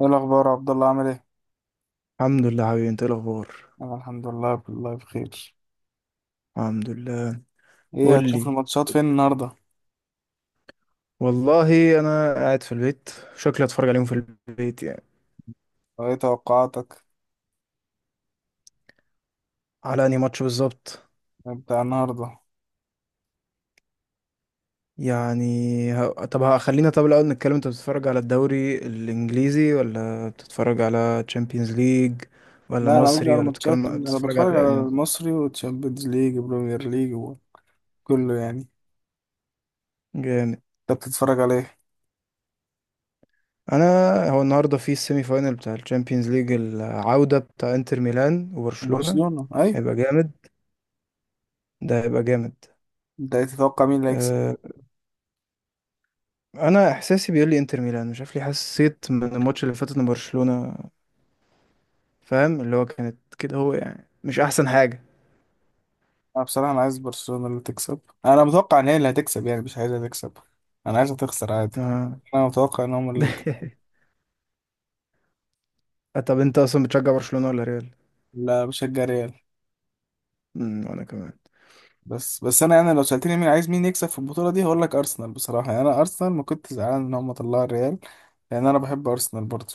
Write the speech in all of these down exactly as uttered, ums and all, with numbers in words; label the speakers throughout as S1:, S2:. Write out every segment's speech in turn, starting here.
S1: ايه الاخبار يا عبد الله؟ عامل ايه؟
S2: الحمد لله، حبيبي، انت ايه الاخبار؟
S1: انا الحمد لله، بالله بخير.
S2: الحمد لله.
S1: ايه،
S2: قول
S1: هتشوف
S2: لي.
S1: الماتشات فين النهارده؟
S2: والله انا قاعد في البيت. شكلي اتفرج عليهم في البيت يعني.
S1: وايه توقعاتك؟
S2: على انهي ماتش بالظبط؟
S1: بتاع النهارده.
S2: يعني. ه... طب ه- خلينا طب الاول نتكلم. انت بتتفرج على الدوري الانجليزي ولا بتتفرج على تشامبيونز ليج ولا
S1: لا، انا قصدي
S2: مصري
S1: على
S2: ولا
S1: ماتشات.
S2: بتتكلم
S1: انا
S2: بتتفرج
S1: بتفرج على
S2: على...
S1: المصري وتشامبيونز ليج وبريمير ليج وكله يعني.
S2: جامد.
S1: انت بتتفرج على ايه؟
S2: انا... هو النهارده في السيمي فاينل بتاع الشامبيونز ليج، العودة بتاع انتر ميلان وبرشلونة.
S1: برشلونه اي.
S2: هيبقى جامد. ده هيبقى جامد.
S1: انت تتوقع مين اللي هيكسب؟
S2: آه، انا احساسي بيقول لي انتر ميلان. مش عارف ليه، حسيت من الماتش اللي فاتت ان برشلونة، فاهم اللي هو كانت كده، هو يعني مش احسن حاجة.
S1: انا بصراحه انا عايز برشلونه اللي تكسب. انا متوقع ان هي اللي هتكسب، يعني مش عايزها تكسب، انا عايزها تخسر عادي.
S2: آه.
S1: انا متوقع ان هم اللي هيكسب.
S2: طب انت اصلا بتشجع برشلونة ولا ريال؟
S1: لا بشجع ريال.
S2: امم وانا كمان.
S1: بس بس انا انا لو سالتني مين عايز، مين يكسب في البطوله دي، هقول لك ارسنال بصراحه. يعني انا ارسنال ما كنت زعلان ان هم طلعوا الريال، لان انا بحب ارسنال برضه.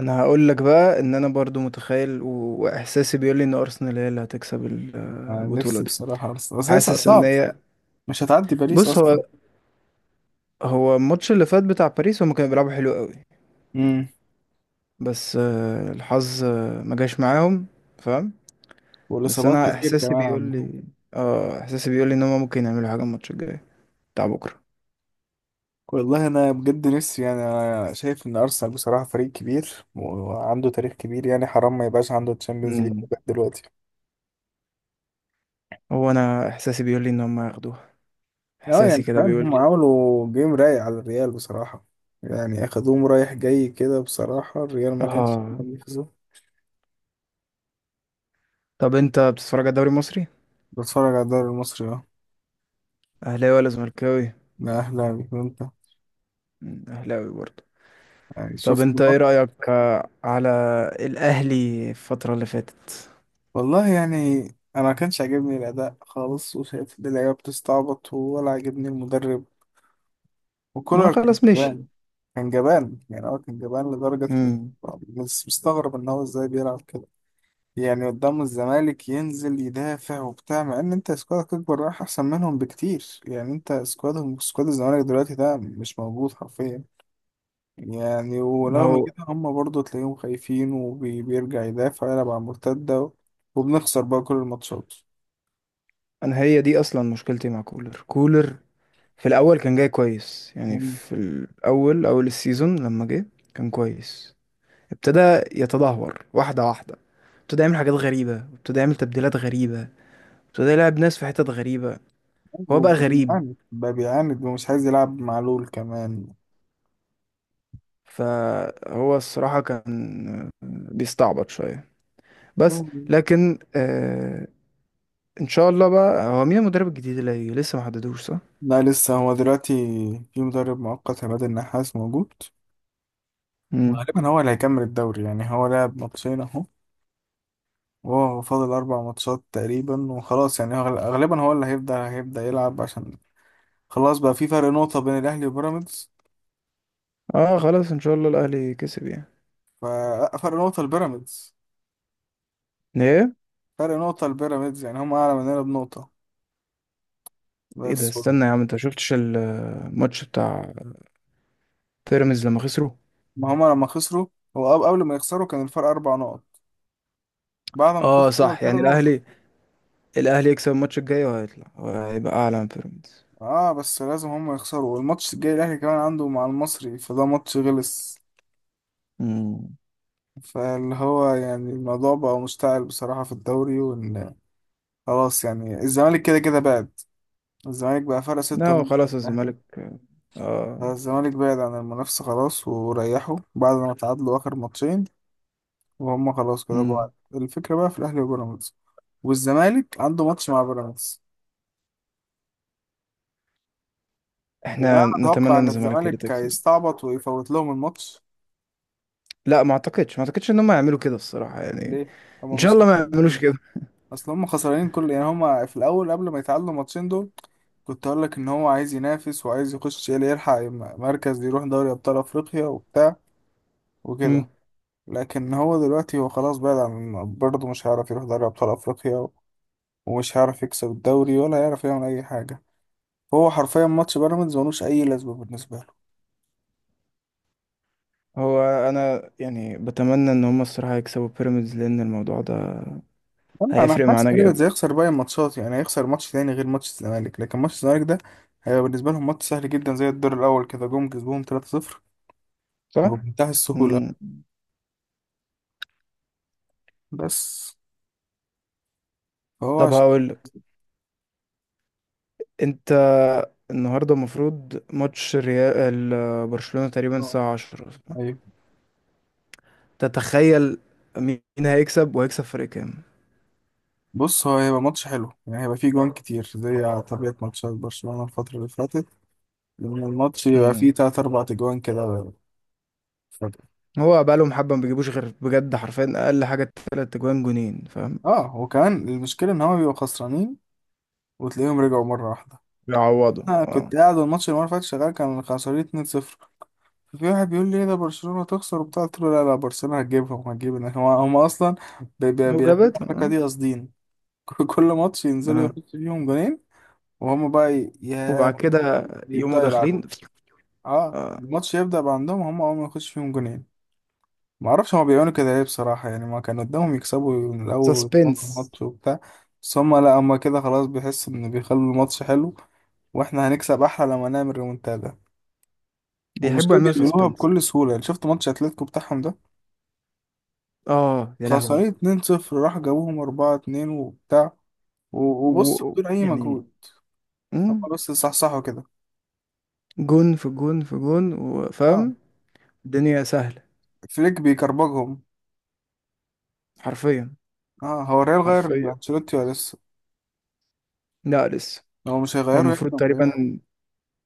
S2: انا هقول لك بقى ان انا برضو متخيل و- واحساسي بيقول لي ان ارسنال هي اللي هتكسب ال-
S1: انا
S2: البطولة
S1: نفسي
S2: دي.
S1: بصراحه ارسنال، بس هي صع-
S2: حاسس ان
S1: صعب
S2: هي...
S1: مش هتعدي باريس
S2: بص هو...
S1: اصلا.
S2: هو الماتش اللي فات بتاع باريس، هم كانوا بيلعبوا حلو قوي.
S1: امم،
S2: بس آه، الحظ آه، ما جاش معاهم. فاهم. بس
S1: والاصابات
S2: انا
S1: كتير
S2: احساسي
S1: كمان
S2: بيقول
S1: عندهم.
S2: لي... اه، احساسي بيقول لي ان هم ممكن يعملوا حاجه الماتش الجاي، بتاع بكره.
S1: والله انا بجد نفسي، يعني انا شايف ان ارسنال بصراحه فريق كبير وعنده تاريخ كبير، يعني حرام ما يبقاش عنده تشامبيونز ليج
S2: امم.
S1: لغاية دلوقتي.
S2: هو انا احساسي بيقول لي ان هم هياخدوها.
S1: اه يعني
S2: احساسي كده
S1: كمان
S2: بيقول
S1: هم
S2: لي.
S1: عملوا جيم رايق على الريال بصراحه، يعني اخدوهم رايح جاي كده بصراحه، الريال ما كانش.
S2: اه. طب انت بتتفرج على الدوري المصري؟
S1: بتفرج على الدوري المصري اه.
S2: اهلاوي ولا زملكاوي؟
S1: ده اهلاوي، وانت؟
S2: مم، اهلاوي برضه.
S1: يعني
S2: طب
S1: شفت
S2: انت ايه
S1: الماتش.
S2: رايك آه، على الاهلي الفتره اللي فاتت؟
S1: والله يعني انا ما كانش عاجبني الاداء خالص، وشايف ان اللعيبه بتستعبط، ولا عاجبني المدرب،
S2: ما هو
S1: وكولر كان
S2: خلاص، ماشي.
S1: جبان. كان جبان، يعني هو كان جبان لدرجه إنك.
S2: امم.
S1: بس مستغرب ان هو ازاي بيلعب كده، يعني قدام الزمالك ينزل يدافع وبتاع، مع ان انت سكوادك اكبر، رايح احسن منهم بكتير. يعني انت سكوادهم، سكواد الزمالك دلوقتي ده، مش موجود حرفيا. يعني
S2: ما
S1: ورغم كده
S2: هو
S1: هم برضو تلاقيهم خايفين وبيرجع يدافع، يلعب على المرتدة، وبنخسر بقى كل الماتشات.
S2: انا هي دي اصلا مشكلتي مع كولر. كولر في الاول كان جاي كويس، يعني
S1: مم.
S2: في الاول اول السيزون لما جه كان كويس. ابتدى يتدهور واحدة واحدة. ابتدى يعمل حاجات غريبة، ابتدى يعمل تبديلات غريبة. ابتدى يلعب ناس في حتت غريبة.
S1: أيوة،
S2: هو بقى غريب.
S1: وبيعاند بقى، بيعاند ومش عايز يلعب مع لول كمان.
S2: فهو الصراحة كان بيستعبط شوية بس.
S1: مم.
S2: لكن آه ان شاء الله بقى، هو مين المدرب الجديد اللي هيجي؟ لسه ما حددوش صح؟
S1: لا لسه. هو دلوقتي في مدرب مؤقت، عماد النحاس موجود.
S2: مم.
S1: وغالبا هو اللي هيكمل الدوري. يعني هو لعب ماتشين اهو، وهو فاضل أربع ماتشات تقريبا وخلاص. يعني هو غال- غالبا هو اللي هيبدأ هيبدأ يلعب، عشان خلاص بقى في فرق نقطة بين الأهلي وبيراميدز.
S2: اه خلاص، ان شاء الله الاهلي كسب يعني.
S1: ففرق نقطة لبيراميدز.
S2: ايه
S1: فرق نقطة لبيراميدز، يعني هم أعلى مننا بنقطة
S2: ايه ده،
S1: بس.
S2: استنى يا عم، انت شفتش الماتش بتاع بيراميدز لما خسروا؟
S1: ما هم لما خسروا. هو قبل قبل ما يخسروا كان الفرق أربع نقط، بعد ما
S2: اه
S1: خسروا بقى
S2: صح،
S1: الفرق
S2: يعني
S1: نقطة.
S2: الاهلي. الاهلي يكسب الماتش الجاي وهيطلع، وهيبقى اعلى من بيراميدز.
S1: اه، بس لازم هم يخسروا. والماتش الجاي الأهلي كمان عنده مع المصري، فده ماتش غلس.
S2: مم.
S1: فاللي هو يعني الموضوع بقى مشتعل بصراحة في الدوري. وإن خلاص، يعني الزمالك كده كده بعد. الزمالك بقى فرق
S2: لا
S1: ستة
S2: هو
S1: نقط من
S2: خلاص
S1: الأهلي،
S2: الزمالك... اه.
S1: فالزمالك بعد عن المنافسة خلاص، وريحوا بعد ما تعادلوا آخر ماتشين، وهم خلاص كده بعد.
S2: مم.
S1: الفكرة بقى في الأهلي وبيراميدز. والزمالك عنده ماتش مع بيراميدز. وانا
S2: احنا
S1: اتوقع
S2: نتمنى ان
S1: ان
S2: الزمالك هي اللي
S1: الزمالك
S2: تكسب.
S1: هيستعبط ويفوت لهم الماتش.
S2: لا، ما اعتقدش، ما اعتقدش ان هم يعملوا كده الصراحة يعني.
S1: ليه؟ هما
S2: ان شاء
S1: مش
S2: الله ما
S1: خسرانين
S2: يعملوش
S1: حاجة.
S2: كده.
S1: اصل هما خسرانين كل، يعني هما في الاول قبل ما يتعادلوا الماتشين دول كنت اقول لك ان هو عايز ينافس وعايز يخش يلي- يلحق م- مركز يروح دوري ابطال افريقيا وبتاع
S2: مم.
S1: وكده. لكن هو دلوقتي هو خلاص بعد، عن برضه مش هيعرف يروح دوري ابطال افريقيا، ومش هيعرف يكسب الدوري، ولا هيعرف يعمل اي حاجه. هو حرفيا ماتش بيراميدز ملوش اي لازمه بالنسبه له.
S2: هو انا يعني بتمنى ان هم الصراحة يكسبوا بيراميدز، لان الموضوع ده
S1: لا، انا
S2: هيفرق
S1: حاسس
S2: معانا جامد.
S1: بيراميدز هيخسر باقي الماتشات، يعني هيخسر ماتش تاني غير ماتش الزمالك. لكن ماتش الزمالك ده هيبقى بالنسبه لهم ماتش سهل جدا، زي الدور الاول كده جم كسبوهم ثلاثة صفر
S2: صح؟
S1: بمنتهى
S2: مم.
S1: السهوله. بس فهو
S2: طب
S1: عشان.
S2: هقول لك، انت النهارده المفروض ماتش ريال ال- برشلونة تقريبا
S1: آه،
S2: الساعة عشرة.
S1: ايوه.
S2: تتخيل مين هيكسب وهيكسب فرق كام؟
S1: بص هو هيبقى ماتش حلو، يعني هيبقى فيه جوان كتير، زي على طبيعه ماتشات برشلونه الفتره اللي فاتت، لان الماتش يبقى فيه
S2: مم.
S1: تلات اربع اجوان كده فجأة.
S2: هو بقالهم حبة ما بيجيبوش غير بجد، حرفيا أقل حاجة تلات أجوان، جونين فاهم.
S1: اه وكمان المشكله ان هما بيبقوا خسرانين، وتلاقيهم رجعوا مره واحده.
S2: بيعوضوا،
S1: انا
S2: اه.
S1: كنت قاعد، والماتش اللي المره اللي فاتت شغال، كان خسرانين اتنين صفر. في واحد بيقول لي ايه ده برشلونة تخسر وبتاع، قلت له لا لا، برشلونة هتجيبهم هتجيب هم هم اصلا بي- بي-
S2: لو
S1: بيعملوا
S2: جابتهم،
S1: الحركة
S2: اه.
S1: دي قاصدين. كل ماتش ينزلوا
S2: اه،
S1: يحطوا فيهم جونين، وهم بقى ي- يا
S2: وبعد كده يقوموا
S1: يبدأوا يلعبوا.
S2: داخلين.
S1: اه
S2: اه.
S1: الماتش يبدأ بقى عندهم هم اول ما يخش فيهم جونين. ما اعرفش هما بيعملوا كده ليه بصراحة، يعني ما كان قدامهم يكسبوا من الاول ويتفوقوا
S2: سسبنس.
S1: الماتش وبتاع. بس هما لا، هما كده خلاص بيحسوا ان بيخلوا الماتش حلو، واحنا هنكسب احلى لما نعمل ريمونتادا.
S2: بيحبوا
S1: والمشكلة
S2: يعملوا
S1: بيعملوها
S2: سسبنس.
S1: بكل سهولة. يعني شفت ماتش اتلتيكو بتاعهم ده،
S2: اه يا
S1: خسرين
S2: لهوي.
S1: اثنين صفر راح جابوهم اربعة اتنين وبتاع، و- وبص
S2: و...
S1: بدون أي
S2: يعني...
S1: مجهود. هم
S2: مم،
S1: بس صحصحوا كده.
S2: جون في جون في جون
S1: اه
S2: وفاهم. الدنيا سهلة.
S1: فليك بيكربجهم.
S2: حرفيا.
S1: اه، هو الريال غير
S2: حرفيا.
S1: أنشيلوتي ولا لسه؟
S2: لا لسه.
S1: هو مش
S2: هو
S1: هيغيره يعني،
S2: المفروض
S1: ولا
S2: تقريبا،
S1: إيه؟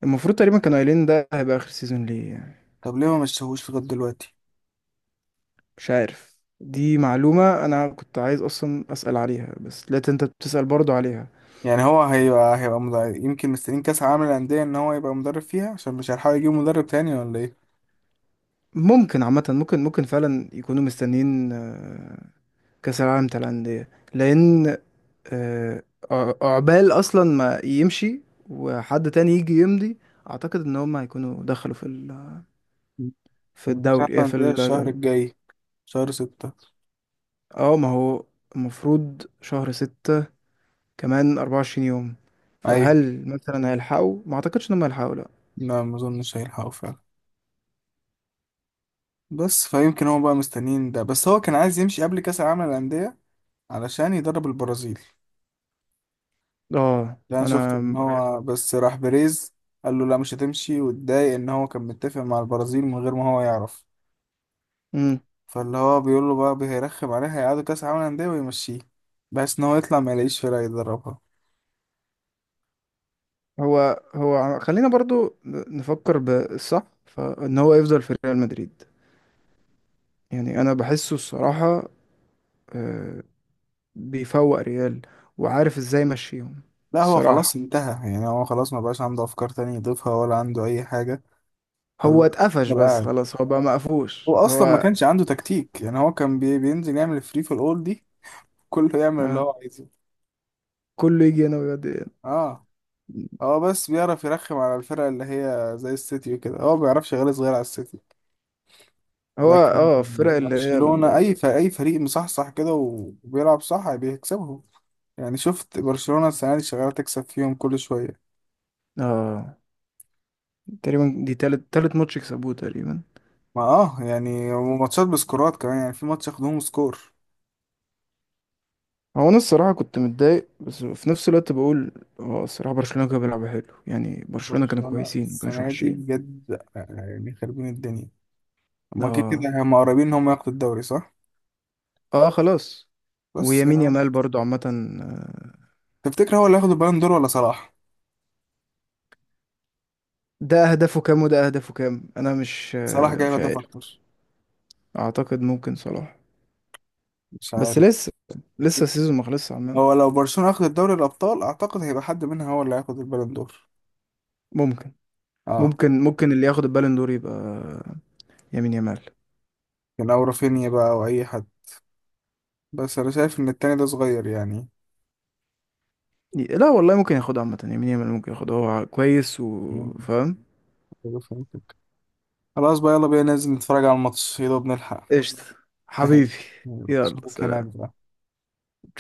S2: المفروض تقريبا كانوا قايلين ده هيبقى آخر سيزون ليه يعني.
S1: طب ليه ما مشيهوش لغاية دلوقتي؟
S2: مش عارف. دي معلومة أنا كنت عايز أصلا أسأل عليها، بس لقيت أنت بتسأل برضو عليها.
S1: يعني هو هيبقى هيبقى مدرب. يمكن مستنيين كأس عالم الأندية، إن هو يبقى مدرب فيها عشان مش هيلحقوا يجيبوا مدرب تاني، ولا إيه؟
S2: ممكن عامة، ممكن ممكن فعلا يكونوا مستنيين آه، كأس العالم بتاع الأندية. لأن آه، ع- عقبال أصلا ما يمشي وحد تاني يجي يمضي. أعتقد إن هما هيكونوا دخلوا في ال... في
S1: ما كأس عالم
S2: الدوري آه، في
S1: الأندية
S2: ال...
S1: الشهر الجاي، شهر ستة.
S2: اه ما هو المفروض شهر ستة، كمان أربعة وعشرين يوم.
S1: أيوة.
S2: فهل مثلا هيلحقوا؟ ما أعتقدش إن هما هيلحقوا، لأ.
S1: لا ما أظنش هيلحقوا فعلا. بس فيمكن هو بقى مستنيين ده. بس هو كان عايز يمشي قبل كأس العالم للأندية علشان يدرب البرازيل.
S2: اه،
S1: لا انا شفت
S2: انا...
S1: ان هو بس راح بيريز قال له لا، مش هتمشي، واتضايق ان هو كان متفق مع البرازيل من غير ما هو يعرف.
S2: امم.
S1: فاللي هو بيقول له بقى هيرخم عليه، هيقعدوا كاس عالم انديه ويمشيه، بحيث ان هو يطلع ما يلاقيش فرقه يدربها.
S2: هو هو ع- خلينا برضو ن- نفكر بالصح، فان هو يفضل في ريال مدريد يعني. انا بحسه الصراحة آه، بيفوق ريال وعارف ازاي يمشيهم.
S1: لا هو خلاص
S2: الصراحة
S1: انتهى، يعني هو خلاص ما بقاش عنده افكار تانية يضيفها، ولا عنده اي حاجه. فاللي
S2: هو
S1: هو
S2: اتقفش
S1: فضل
S2: بس،
S1: قاعد.
S2: خلاص هو بقى
S1: هو
S2: مقفوش
S1: اصلا ما
S2: هو
S1: كانش عنده تكتيك، يعني هو كان بي- بينزل يعمل فري في الاول دي، كله يعمل اللي
S2: آه،
S1: هو عايزه.
S2: كله يجي هنا ويودي
S1: اه
S2: هنا.
S1: هو بس بيعرف يرخم على الفرق اللي هي زي السيتي وكده. هو ما بيعرفش يغلس غير على السيتي.
S2: هو
S1: لكن
S2: اه، الفرق اللي هي
S1: برشلونة
S2: ال-
S1: أي فريق، أي فريق مصحصح كده وبيلعب صح بيكسبهم. يعني شفت برشلونة السنة دي شغالة تكسب فيهم كل شوية.
S2: اه، تقريبا دي تالت تالت ماتش يكسبوه تقريبا.
S1: ما اه يعني، وماتشات بسكورات كمان، يعني في ماتش ياخدوهم سكور.
S2: هو انا الصراحه كنت متضايق، بس في نفس الوقت بقول اه، الصراحه برشلونه كانوا بيلعبوا حلو، يعني برشلونه كانوا
S1: برشلونة
S2: كويسين ما كانوش
S1: السنة دي
S2: وحشين.
S1: بجد يعني خربين الدنيا. هما كده
S2: اه.
S1: كده هما قريبين إن هما ياخدوا الدوري، صح؟
S2: اه خلاص.
S1: بس يعني
S2: ويمين
S1: هو.
S2: يامال برضو عامه آه،
S1: تفتكر هو اللي هياخد البالون دور ولا صلاح؟
S2: ده اهدافه كام وده اهدافه كام، انا مش
S1: صلاح
S2: آه،
S1: جايب
S2: مش
S1: هدف
S2: عارف.
S1: أكتر.
S2: اعتقد ممكن صلاح،
S1: مش
S2: بس
S1: عارف.
S2: لسه، لسه السيزون ما خلصش عامه.
S1: هو لو برشلونة أخدت دوري الأبطال، أعتقد هيبقى حد منها هو اللي هياخد البالون دور.
S2: ممكن.
S1: اه
S2: ممكن ممكن اللي ياخد البالون دور يبقى يمين يامال.
S1: كان، أو رافينيا بقى أو أي حد. بس أنا شايف إن التاني ده صغير يعني.
S2: لا والله، ممكن ياخدها عامه، يمين يامال ممكن ياخدها، هو كويس
S1: مم.
S2: وفاهم.
S1: أيوة، فهمتك. خلاص بقى، يلا بينا ننزل نتفرج على الماتش، يا دوب نلحق.
S2: قشطة. حبيبي.
S1: ماشي يلا،
S2: يلا
S1: أشوفك هناك
S2: سلام.
S1: بقى.
S2: ترجمة نانسي قنقر.